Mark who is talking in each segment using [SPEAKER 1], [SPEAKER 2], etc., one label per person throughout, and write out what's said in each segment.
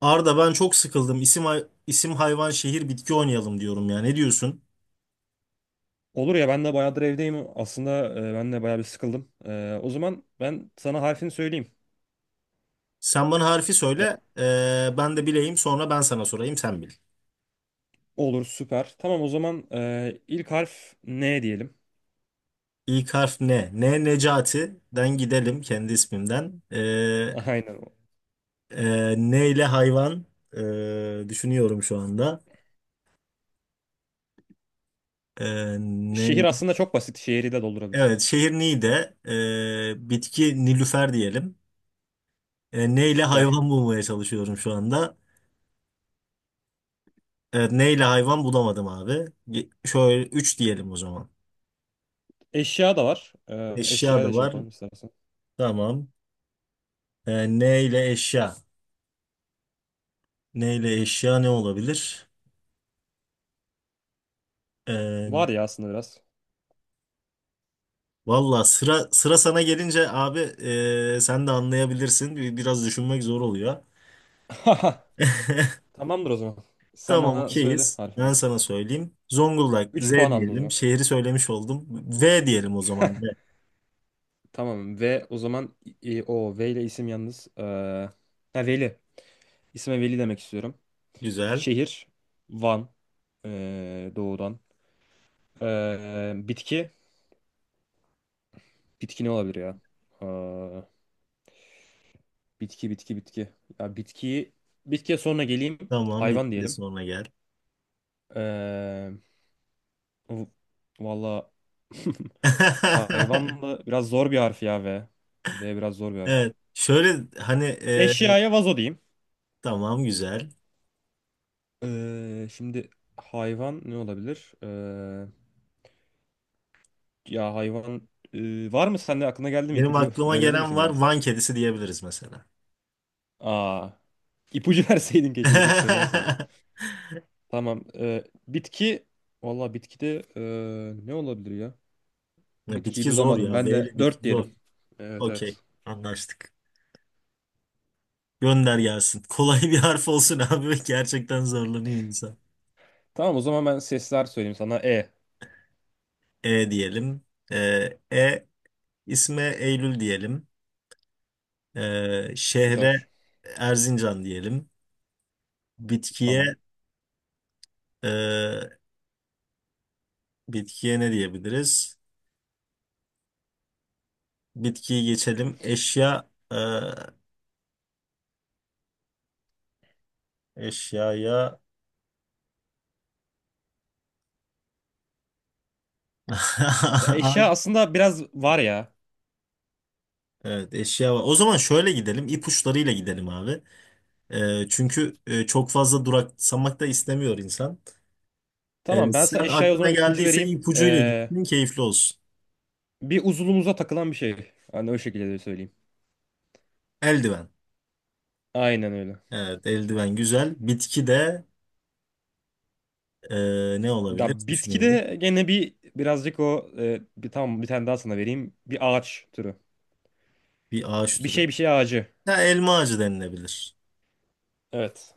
[SPEAKER 1] Arda ben çok sıkıldım. İsim, isim hayvan şehir bitki oynayalım diyorum ya. Ne diyorsun?
[SPEAKER 2] Olur ya ben de bayağıdır evdeyim. Aslında ben de bayağı bir sıkıldım. O zaman ben sana harfini söyleyeyim.
[SPEAKER 1] Sen bana harfi
[SPEAKER 2] E,
[SPEAKER 1] söyle. Ben de bileyim. Sonra ben sana sorayım. Sen bil.
[SPEAKER 2] olur, süper. Tamam o zaman ilk harf N diyelim.
[SPEAKER 1] İlk harf ne? Ne Necati'den gidelim kendi ismimden.
[SPEAKER 2] Aynen.
[SPEAKER 1] Ne ile hayvan? Düşünüyorum şu anda.
[SPEAKER 2] Şehir
[SPEAKER 1] Ne?
[SPEAKER 2] aslında çok basit. Şehri de doldurabilirsin.
[SPEAKER 1] Evet, şehir Niğde. Bitki Nilüfer diyelim. Ne ile
[SPEAKER 2] Süper.
[SPEAKER 1] hayvan bulmaya çalışıyorum şu anda. Evet, neyle hayvan bulamadım abi. Şöyle 3 diyelim o zaman.
[SPEAKER 2] Eşya da var.
[SPEAKER 1] Eşya
[SPEAKER 2] Eşyaya
[SPEAKER 1] da
[SPEAKER 2] da şey
[SPEAKER 1] var.
[SPEAKER 2] yapalım istersen.
[SPEAKER 1] Tamam. Ne ile eşya? Ne ile eşya ne olabilir? Ee,
[SPEAKER 2] Var ya aslında biraz.
[SPEAKER 1] Valla sıra sıra sana gelince abi sen de anlayabilirsin. Biraz düşünmek zor oluyor.
[SPEAKER 2] Tamamdır o zaman. Sen
[SPEAKER 1] Tamam,
[SPEAKER 2] bana söyle,
[SPEAKER 1] okeyiz.
[SPEAKER 2] harf
[SPEAKER 1] Ben
[SPEAKER 2] aldım.
[SPEAKER 1] sana söyleyeyim. Zonguldak, Z
[SPEAKER 2] 3 puan aldın o
[SPEAKER 1] diyelim.
[SPEAKER 2] zaman.
[SPEAKER 1] Şehri söylemiş oldum. V diyelim o zaman. V.
[SPEAKER 2] Tamam, ve o zaman o V ile isim yalnız. Ha, Veli. İsme Veli demek istiyorum.
[SPEAKER 1] Güzel.
[SPEAKER 2] Şehir Van, doğudan. Eee, bitki bitki ne olabilir ya? Eee, bitki bitki bitki. Ya bitkiye sonra geleyim.
[SPEAKER 1] Tamam,
[SPEAKER 2] Hayvan
[SPEAKER 1] bitti
[SPEAKER 2] diyelim.
[SPEAKER 1] sonra gel.
[SPEAKER 2] Eee v- valla hayvan da biraz zor bir harf ya, ve biraz zor bir harf.
[SPEAKER 1] Evet. Şöyle hani,
[SPEAKER 2] Eşyaya vazo diyeyim.
[SPEAKER 1] tamam güzel.
[SPEAKER 2] Şimdi hayvan ne olabilir? Ya hayvan, var mı sende, aklına geldi mi?
[SPEAKER 1] Benim
[SPEAKER 2] İpucu
[SPEAKER 1] aklıma
[SPEAKER 2] verebilir
[SPEAKER 1] gelen
[SPEAKER 2] misin,
[SPEAKER 1] var,
[SPEAKER 2] geldi?
[SPEAKER 1] Van kedisi diyebiliriz mesela.
[SPEAKER 2] Aa. İpucu verseydin, keşke direkt söylemeseydin. Tamam. Bitki. Valla bitkide ne olabilir ya?
[SPEAKER 1] Ya
[SPEAKER 2] Bitkiyi
[SPEAKER 1] bitki zor
[SPEAKER 2] bulamadım.
[SPEAKER 1] ya. V
[SPEAKER 2] Ben de
[SPEAKER 1] ile
[SPEAKER 2] 4
[SPEAKER 1] bitki
[SPEAKER 2] diyelim.
[SPEAKER 1] zor.
[SPEAKER 2] Evet,
[SPEAKER 1] Okey.
[SPEAKER 2] evet.
[SPEAKER 1] Anlaştık. Gönder gelsin. Kolay bir harf olsun abi. Gerçekten zorlanıyor insan.
[SPEAKER 2] Tamam o zaman ben sesler söyleyeyim sana. E.
[SPEAKER 1] E diyelim. E, e, isme Eylül diyelim. E, şehre
[SPEAKER 2] Süper.
[SPEAKER 1] Erzincan diyelim.
[SPEAKER 2] Tamam.
[SPEAKER 1] Bitkiye e, bitkiye ne diyebiliriz? Bitkiyi geçelim. Eşya, eşyaya
[SPEAKER 2] Ya eşya aslında biraz var ya.
[SPEAKER 1] evet eşya var. O zaman şöyle gidelim. İpuçlarıyla gidelim abi. E, çünkü çok fazla duraksamak da istemiyor insan. E,
[SPEAKER 2] Tamam, ben sana
[SPEAKER 1] sen
[SPEAKER 2] eşyaya o
[SPEAKER 1] aklına
[SPEAKER 2] zaman ipucu
[SPEAKER 1] geldiyse
[SPEAKER 2] vereyim.
[SPEAKER 1] ipucuyla gitsin, keyifli olsun.
[SPEAKER 2] Bir uzunluğumuza takılan bir şey. Hani o şekilde de söyleyeyim.
[SPEAKER 1] Eldiven.
[SPEAKER 2] Aynen öyle.
[SPEAKER 1] Evet, eldiven güzel. Bitki de ne olabilir
[SPEAKER 2] Ya
[SPEAKER 1] düşünüyorum.
[SPEAKER 2] bitkide gene bir birazcık, o e, bir tamam, bir tane daha sana vereyim. Bir ağaç türü.
[SPEAKER 1] Bir ağaç türü.
[SPEAKER 2] Bir şey ağacı.
[SPEAKER 1] Ha, elma ağacı denilebilir.
[SPEAKER 2] Evet.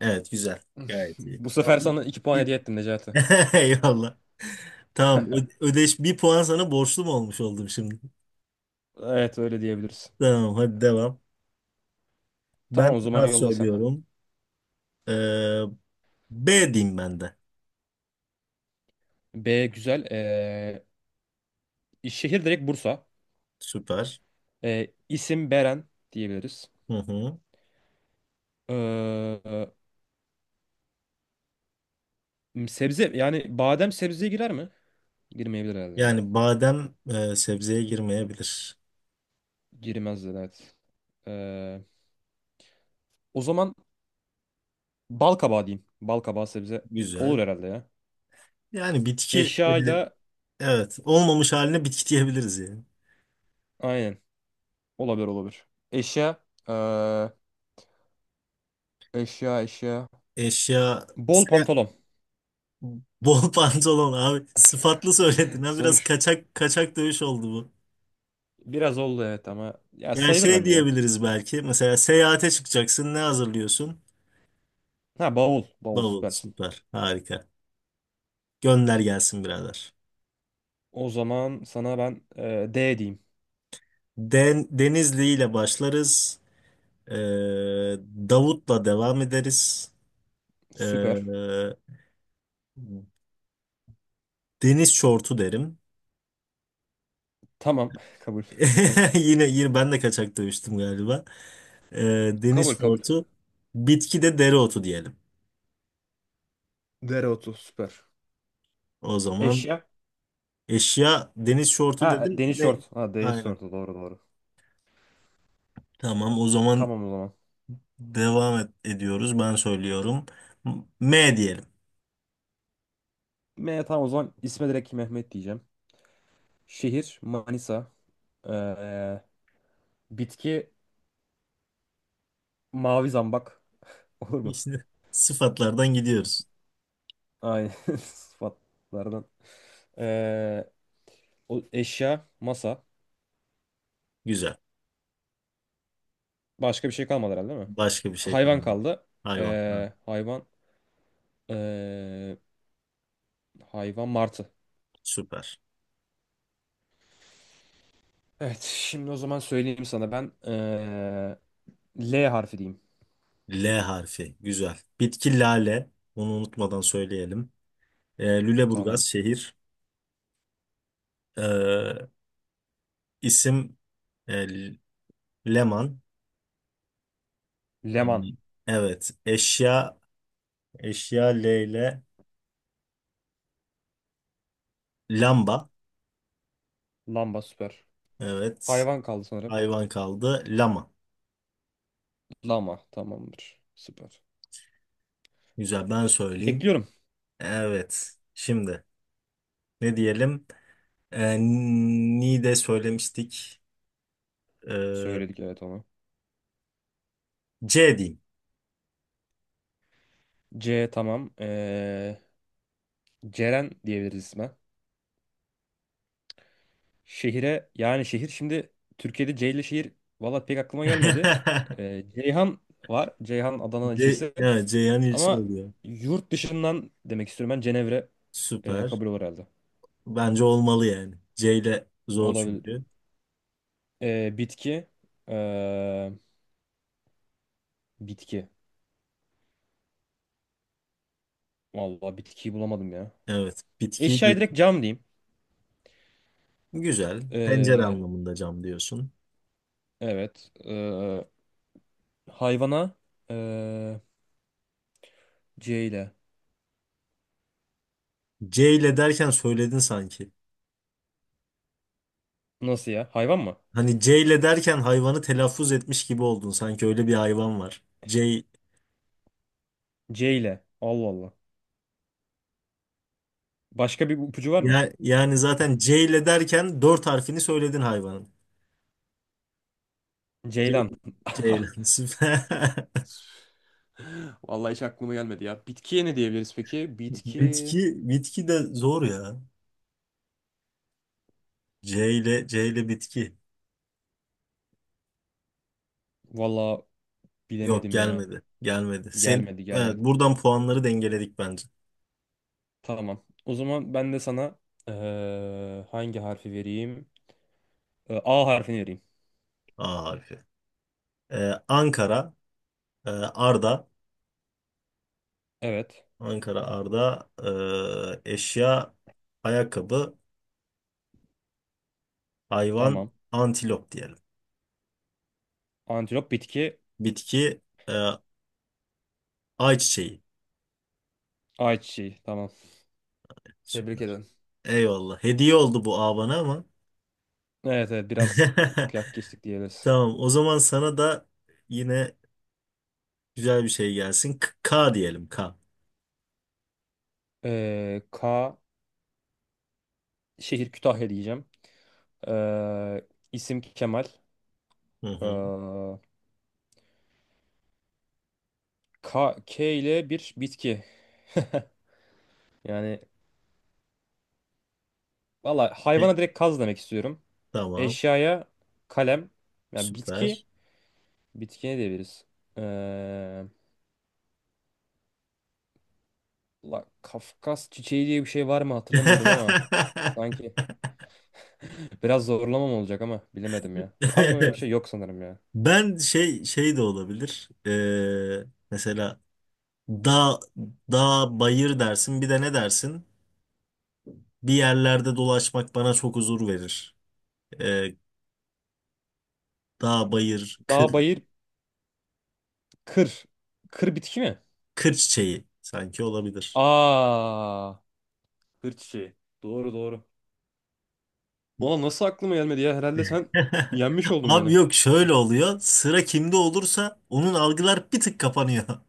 [SPEAKER 1] Evet, güzel. Gayet iyi.
[SPEAKER 2] Bu
[SPEAKER 1] Tamam.
[SPEAKER 2] sefer sana 2 puan
[SPEAKER 1] Bir-
[SPEAKER 2] hediye ettim, Necati.
[SPEAKER 1] Eyvallah. Tamam, ödeş bir puan sana borçlu mu olmuş oldum şimdi?
[SPEAKER 2] Evet, öyle diyebiliriz.
[SPEAKER 1] Tamam, hadi devam. Ben
[SPEAKER 2] Tamam o zaman,
[SPEAKER 1] harf
[SPEAKER 2] yolla sen.
[SPEAKER 1] söylüyorum. E, B diyeyim ben de.
[SPEAKER 2] B güzel. Şehir direkt Bursa.
[SPEAKER 1] Süper.
[SPEAKER 2] İsim Beren diyebiliriz.
[SPEAKER 1] Hı hı.
[SPEAKER 2] Ee, Sebze, yani badem sebzeye girer mi? Girmeyebilir herhalde ya.
[SPEAKER 1] Yani badem sebzeye girmeyebilir.
[SPEAKER 2] Girmez de, evet. Ee, O zaman bal kabağı diyeyim. Bal kabağı sebze olur
[SPEAKER 1] Güzel.
[SPEAKER 2] herhalde ya.
[SPEAKER 1] Yani bitki,
[SPEAKER 2] Eşyayla
[SPEAKER 1] evet, olmamış haline bitki diyebiliriz yani.
[SPEAKER 2] aynen, olabilir olabilir. Eşya, ee, eşya eşya.
[SPEAKER 1] Eşya,
[SPEAKER 2] Bol
[SPEAKER 1] şey,
[SPEAKER 2] pantolon.
[SPEAKER 1] bol pantolon abi sıfatlı söyledin ha, biraz
[SPEAKER 2] Sonuç
[SPEAKER 1] kaçak kaçak dövüş oldu bu.
[SPEAKER 2] biraz oldu, evet, ama ya
[SPEAKER 1] Yani
[SPEAKER 2] sayılır
[SPEAKER 1] şey
[SPEAKER 2] bence ya.
[SPEAKER 1] diyebiliriz, belki mesela seyahate çıkacaksın, ne hazırlıyorsun?
[SPEAKER 2] Ha, bavul. Bavul,
[SPEAKER 1] Bavul
[SPEAKER 2] süpersin.
[SPEAKER 1] süper, harika. Gönder gelsin birader.
[SPEAKER 2] O zaman sana ben D diyeyim.
[SPEAKER 1] Den, Denizli ile başlarız. Ee, Davut'la devam ederiz. Ee,
[SPEAKER 2] Süper.
[SPEAKER 1] Deniz şortu derim.
[SPEAKER 2] Tamam. Kabul.
[SPEAKER 1] Yine yine ben de kaçak dövüştüm galiba.
[SPEAKER 2] Kabul,
[SPEAKER 1] Deniz
[SPEAKER 2] kabul.
[SPEAKER 1] şortu, bitki de dereotu diyelim.
[SPEAKER 2] Dereotu, süper.
[SPEAKER 1] O zaman
[SPEAKER 2] Eşya.
[SPEAKER 1] eşya deniz şortu
[SPEAKER 2] Ha,
[SPEAKER 1] dedim.
[SPEAKER 2] deniz şort.
[SPEAKER 1] Ne?
[SPEAKER 2] Ha, deniz
[SPEAKER 1] Aynen.
[SPEAKER 2] şortu, doğru doğru.
[SPEAKER 1] Tamam o zaman
[SPEAKER 2] Tamam o zaman.
[SPEAKER 1] devam et, ediyoruz. Ben söylüyorum. M M diyelim.
[SPEAKER 2] M, tamam o zaman isme direkt Mehmet diyeceğim. Şehir Manisa. Ee, Bitki mavi zambak. Olur mu?
[SPEAKER 1] İşte sıfatlardan gidiyoruz.
[SPEAKER 2] Aynen sıfatlardan. Ee, O eşya masa.
[SPEAKER 1] Güzel.
[SPEAKER 2] Başka bir şey kalmadı herhalde, değil mi?
[SPEAKER 1] Başka bir şey
[SPEAKER 2] Hayvan
[SPEAKER 1] kalmadı.
[SPEAKER 2] kaldı.
[SPEAKER 1] Hayvan. Hı,
[SPEAKER 2] Ee, hayvan ee, hayvan martı.
[SPEAKER 1] süper.
[SPEAKER 2] Evet, şimdi o zaman söyleyeyim sana ben L harfi diyeyim.
[SPEAKER 1] L harfi. Güzel. Bitki lale. Bunu unutmadan söyleyelim. Lüleburgaz
[SPEAKER 2] Tamam.
[SPEAKER 1] şehir. Ee, isim e, Leman. Ee,
[SPEAKER 2] Leman.
[SPEAKER 1] evet. Eşya L ile lamba.
[SPEAKER 2] Lamba, süper.
[SPEAKER 1] Evet.
[SPEAKER 2] Hayvan kaldı sanırım.
[SPEAKER 1] Hayvan kaldı. Lama.
[SPEAKER 2] Lama, tamamdır. Süper.
[SPEAKER 1] Güzel, ben söyleyeyim.
[SPEAKER 2] Bekliyorum.
[SPEAKER 1] Evet. Şimdi ne diyelim? Ee, Ni de söylemiştik. Ee,
[SPEAKER 2] Söyledik, evet, onu.
[SPEAKER 1] C diyeyim.
[SPEAKER 2] C, tamam. Ceren diyebiliriz isme. Şehire, yani şehir, şimdi Türkiye'de C ile şehir valla pek aklıma gelmedi. Ceyhan var. Ceyhan Adana
[SPEAKER 1] C,
[SPEAKER 2] ilçesi.
[SPEAKER 1] evet, Ceyhan ilçe
[SPEAKER 2] Ama
[SPEAKER 1] oluyor.
[SPEAKER 2] yurt dışından demek istiyorum, ben Cenevre,
[SPEAKER 1] Süper.
[SPEAKER 2] kabul olur herhalde.
[SPEAKER 1] Bence olmalı yani. C ile zor
[SPEAKER 2] Olabilir.
[SPEAKER 1] çünkü.
[SPEAKER 2] Bitki. e, bitki. Vallahi bitkiyi bulamadım ya.
[SPEAKER 1] Evet. Bitki
[SPEAKER 2] Eşyaya direkt cam diyeyim.
[SPEAKER 1] güzel. Pencere
[SPEAKER 2] E,
[SPEAKER 1] anlamında cam diyorsun.
[SPEAKER 2] evet. Hayvana, e, C ile.
[SPEAKER 1] C ile derken söyledin sanki.
[SPEAKER 2] Nasıl ya? Hayvan mı?
[SPEAKER 1] Hani C ile derken hayvanı telaffuz etmiş gibi oldun. Sanki öyle bir hayvan var. C
[SPEAKER 2] C ile. Allah Allah. Başka bir ipucu var mı?
[SPEAKER 1] ya, yani zaten C ile derken dört harfini söyledin hayvanın. C,
[SPEAKER 2] Ceylan.
[SPEAKER 1] Ceylan. Süper.
[SPEAKER 2] Vallahi hiç aklıma gelmedi ya. Bitkiye ne diyebiliriz peki? Bitki...
[SPEAKER 1] Bitki, bitki de zor ya. C ile bitki.
[SPEAKER 2] Vallahi
[SPEAKER 1] Yok,
[SPEAKER 2] bilemedim ya.
[SPEAKER 1] gelmedi. Gelmedi. Sen
[SPEAKER 2] Gelmedi,
[SPEAKER 1] evet,
[SPEAKER 2] gelmedi.
[SPEAKER 1] buradan puanları dengeledik bence.
[SPEAKER 2] Tamam. O zaman ben de sana hangi harfi vereyim? A harfini vereyim.
[SPEAKER 1] A harfi. Ankara, Arda.
[SPEAKER 2] Evet.
[SPEAKER 1] Ankara Arda, eşya ayakkabı, hayvan
[SPEAKER 2] Tamam.
[SPEAKER 1] antilop diyelim.
[SPEAKER 2] Antilop, bitki
[SPEAKER 1] Bitki e, ayçiçeği.
[SPEAKER 2] ayçiçeği. Tamam. Tebrik
[SPEAKER 1] Süper.
[SPEAKER 2] ederim.
[SPEAKER 1] Eyvallah. Hediye oldu bu A bana ama.
[SPEAKER 2] Evet evet, biraz kıyak geçtik diyebiliriz.
[SPEAKER 1] Tamam. O zaman sana da yine güzel bir şey gelsin. K diyelim, K.
[SPEAKER 2] K, şehir Kütahya diyeceğim. İsim Kemal.
[SPEAKER 1] Hı hı.
[SPEAKER 2] Eee, K, K ile bir bitki. Yani valla
[SPEAKER 1] E,
[SPEAKER 2] hayvana direkt kaz demek istiyorum.
[SPEAKER 1] tamam.
[SPEAKER 2] Eşyaya kalem. Yani bitki,
[SPEAKER 1] Süper.
[SPEAKER 2] bitki ne diyebiliriz? Ee, Kafkas çiçeği diye bir şey var mı hatırlamıyorum ama sanki biraz zorlamam olacak, ama bilemedim ya. Var mı öyle bir şey? Yok sanırım ya.
[SPEAKER 1] Ben şey, şey de olabilir. E, mesela dağ dağ bayır dersin. Bir de ne dersin? Bir yerlerde dolaşmak bana çok huzur verir. Ee, Dağ, bayır,
[SPEAKER 2] Dağ,
[SPEAKER 1] kır,
[SPEAKER 2] bayır, kır. Kır bitki mi?
[SPEAKER 1] kır çiçeği sanki olabilir.
[SPEAKER 2] Aa, kır çiçeği. Doğru, doğru. Ona nasıl aklıma gelmedi ya? Herhalde sen yenmiş oldun
[SPEAKER 1] Abi
[SPEAKER 2] beni.
[SPEAKER 1] yok, şöyle oluyor. Sıra kimde olursa onun algılar bir tık kapanıyor.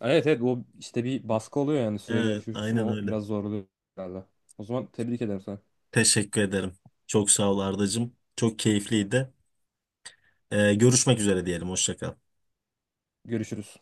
[SPEAKER 2] Evet evet, o işte bir baskı oluyor, yani süreli
[SPEAKER 1] Evet,
[SPEAKER 2] yarışıyorsun,
[SPEAKER 1] aynen
[SPEAKER 2] o
[SPEAKER 1] öyle.
[SPEAKER 2] biraz zorluyor herhalde. O zaman tebrik ederim sana.
[SPEAKER 1] Teşekkür ederim. Çok sağ ol Ardacığım. Çok keyifliydi. Görüşmek üzere diyelim. Hoşça kal.
[SPEAKER 2] Görüşürüz.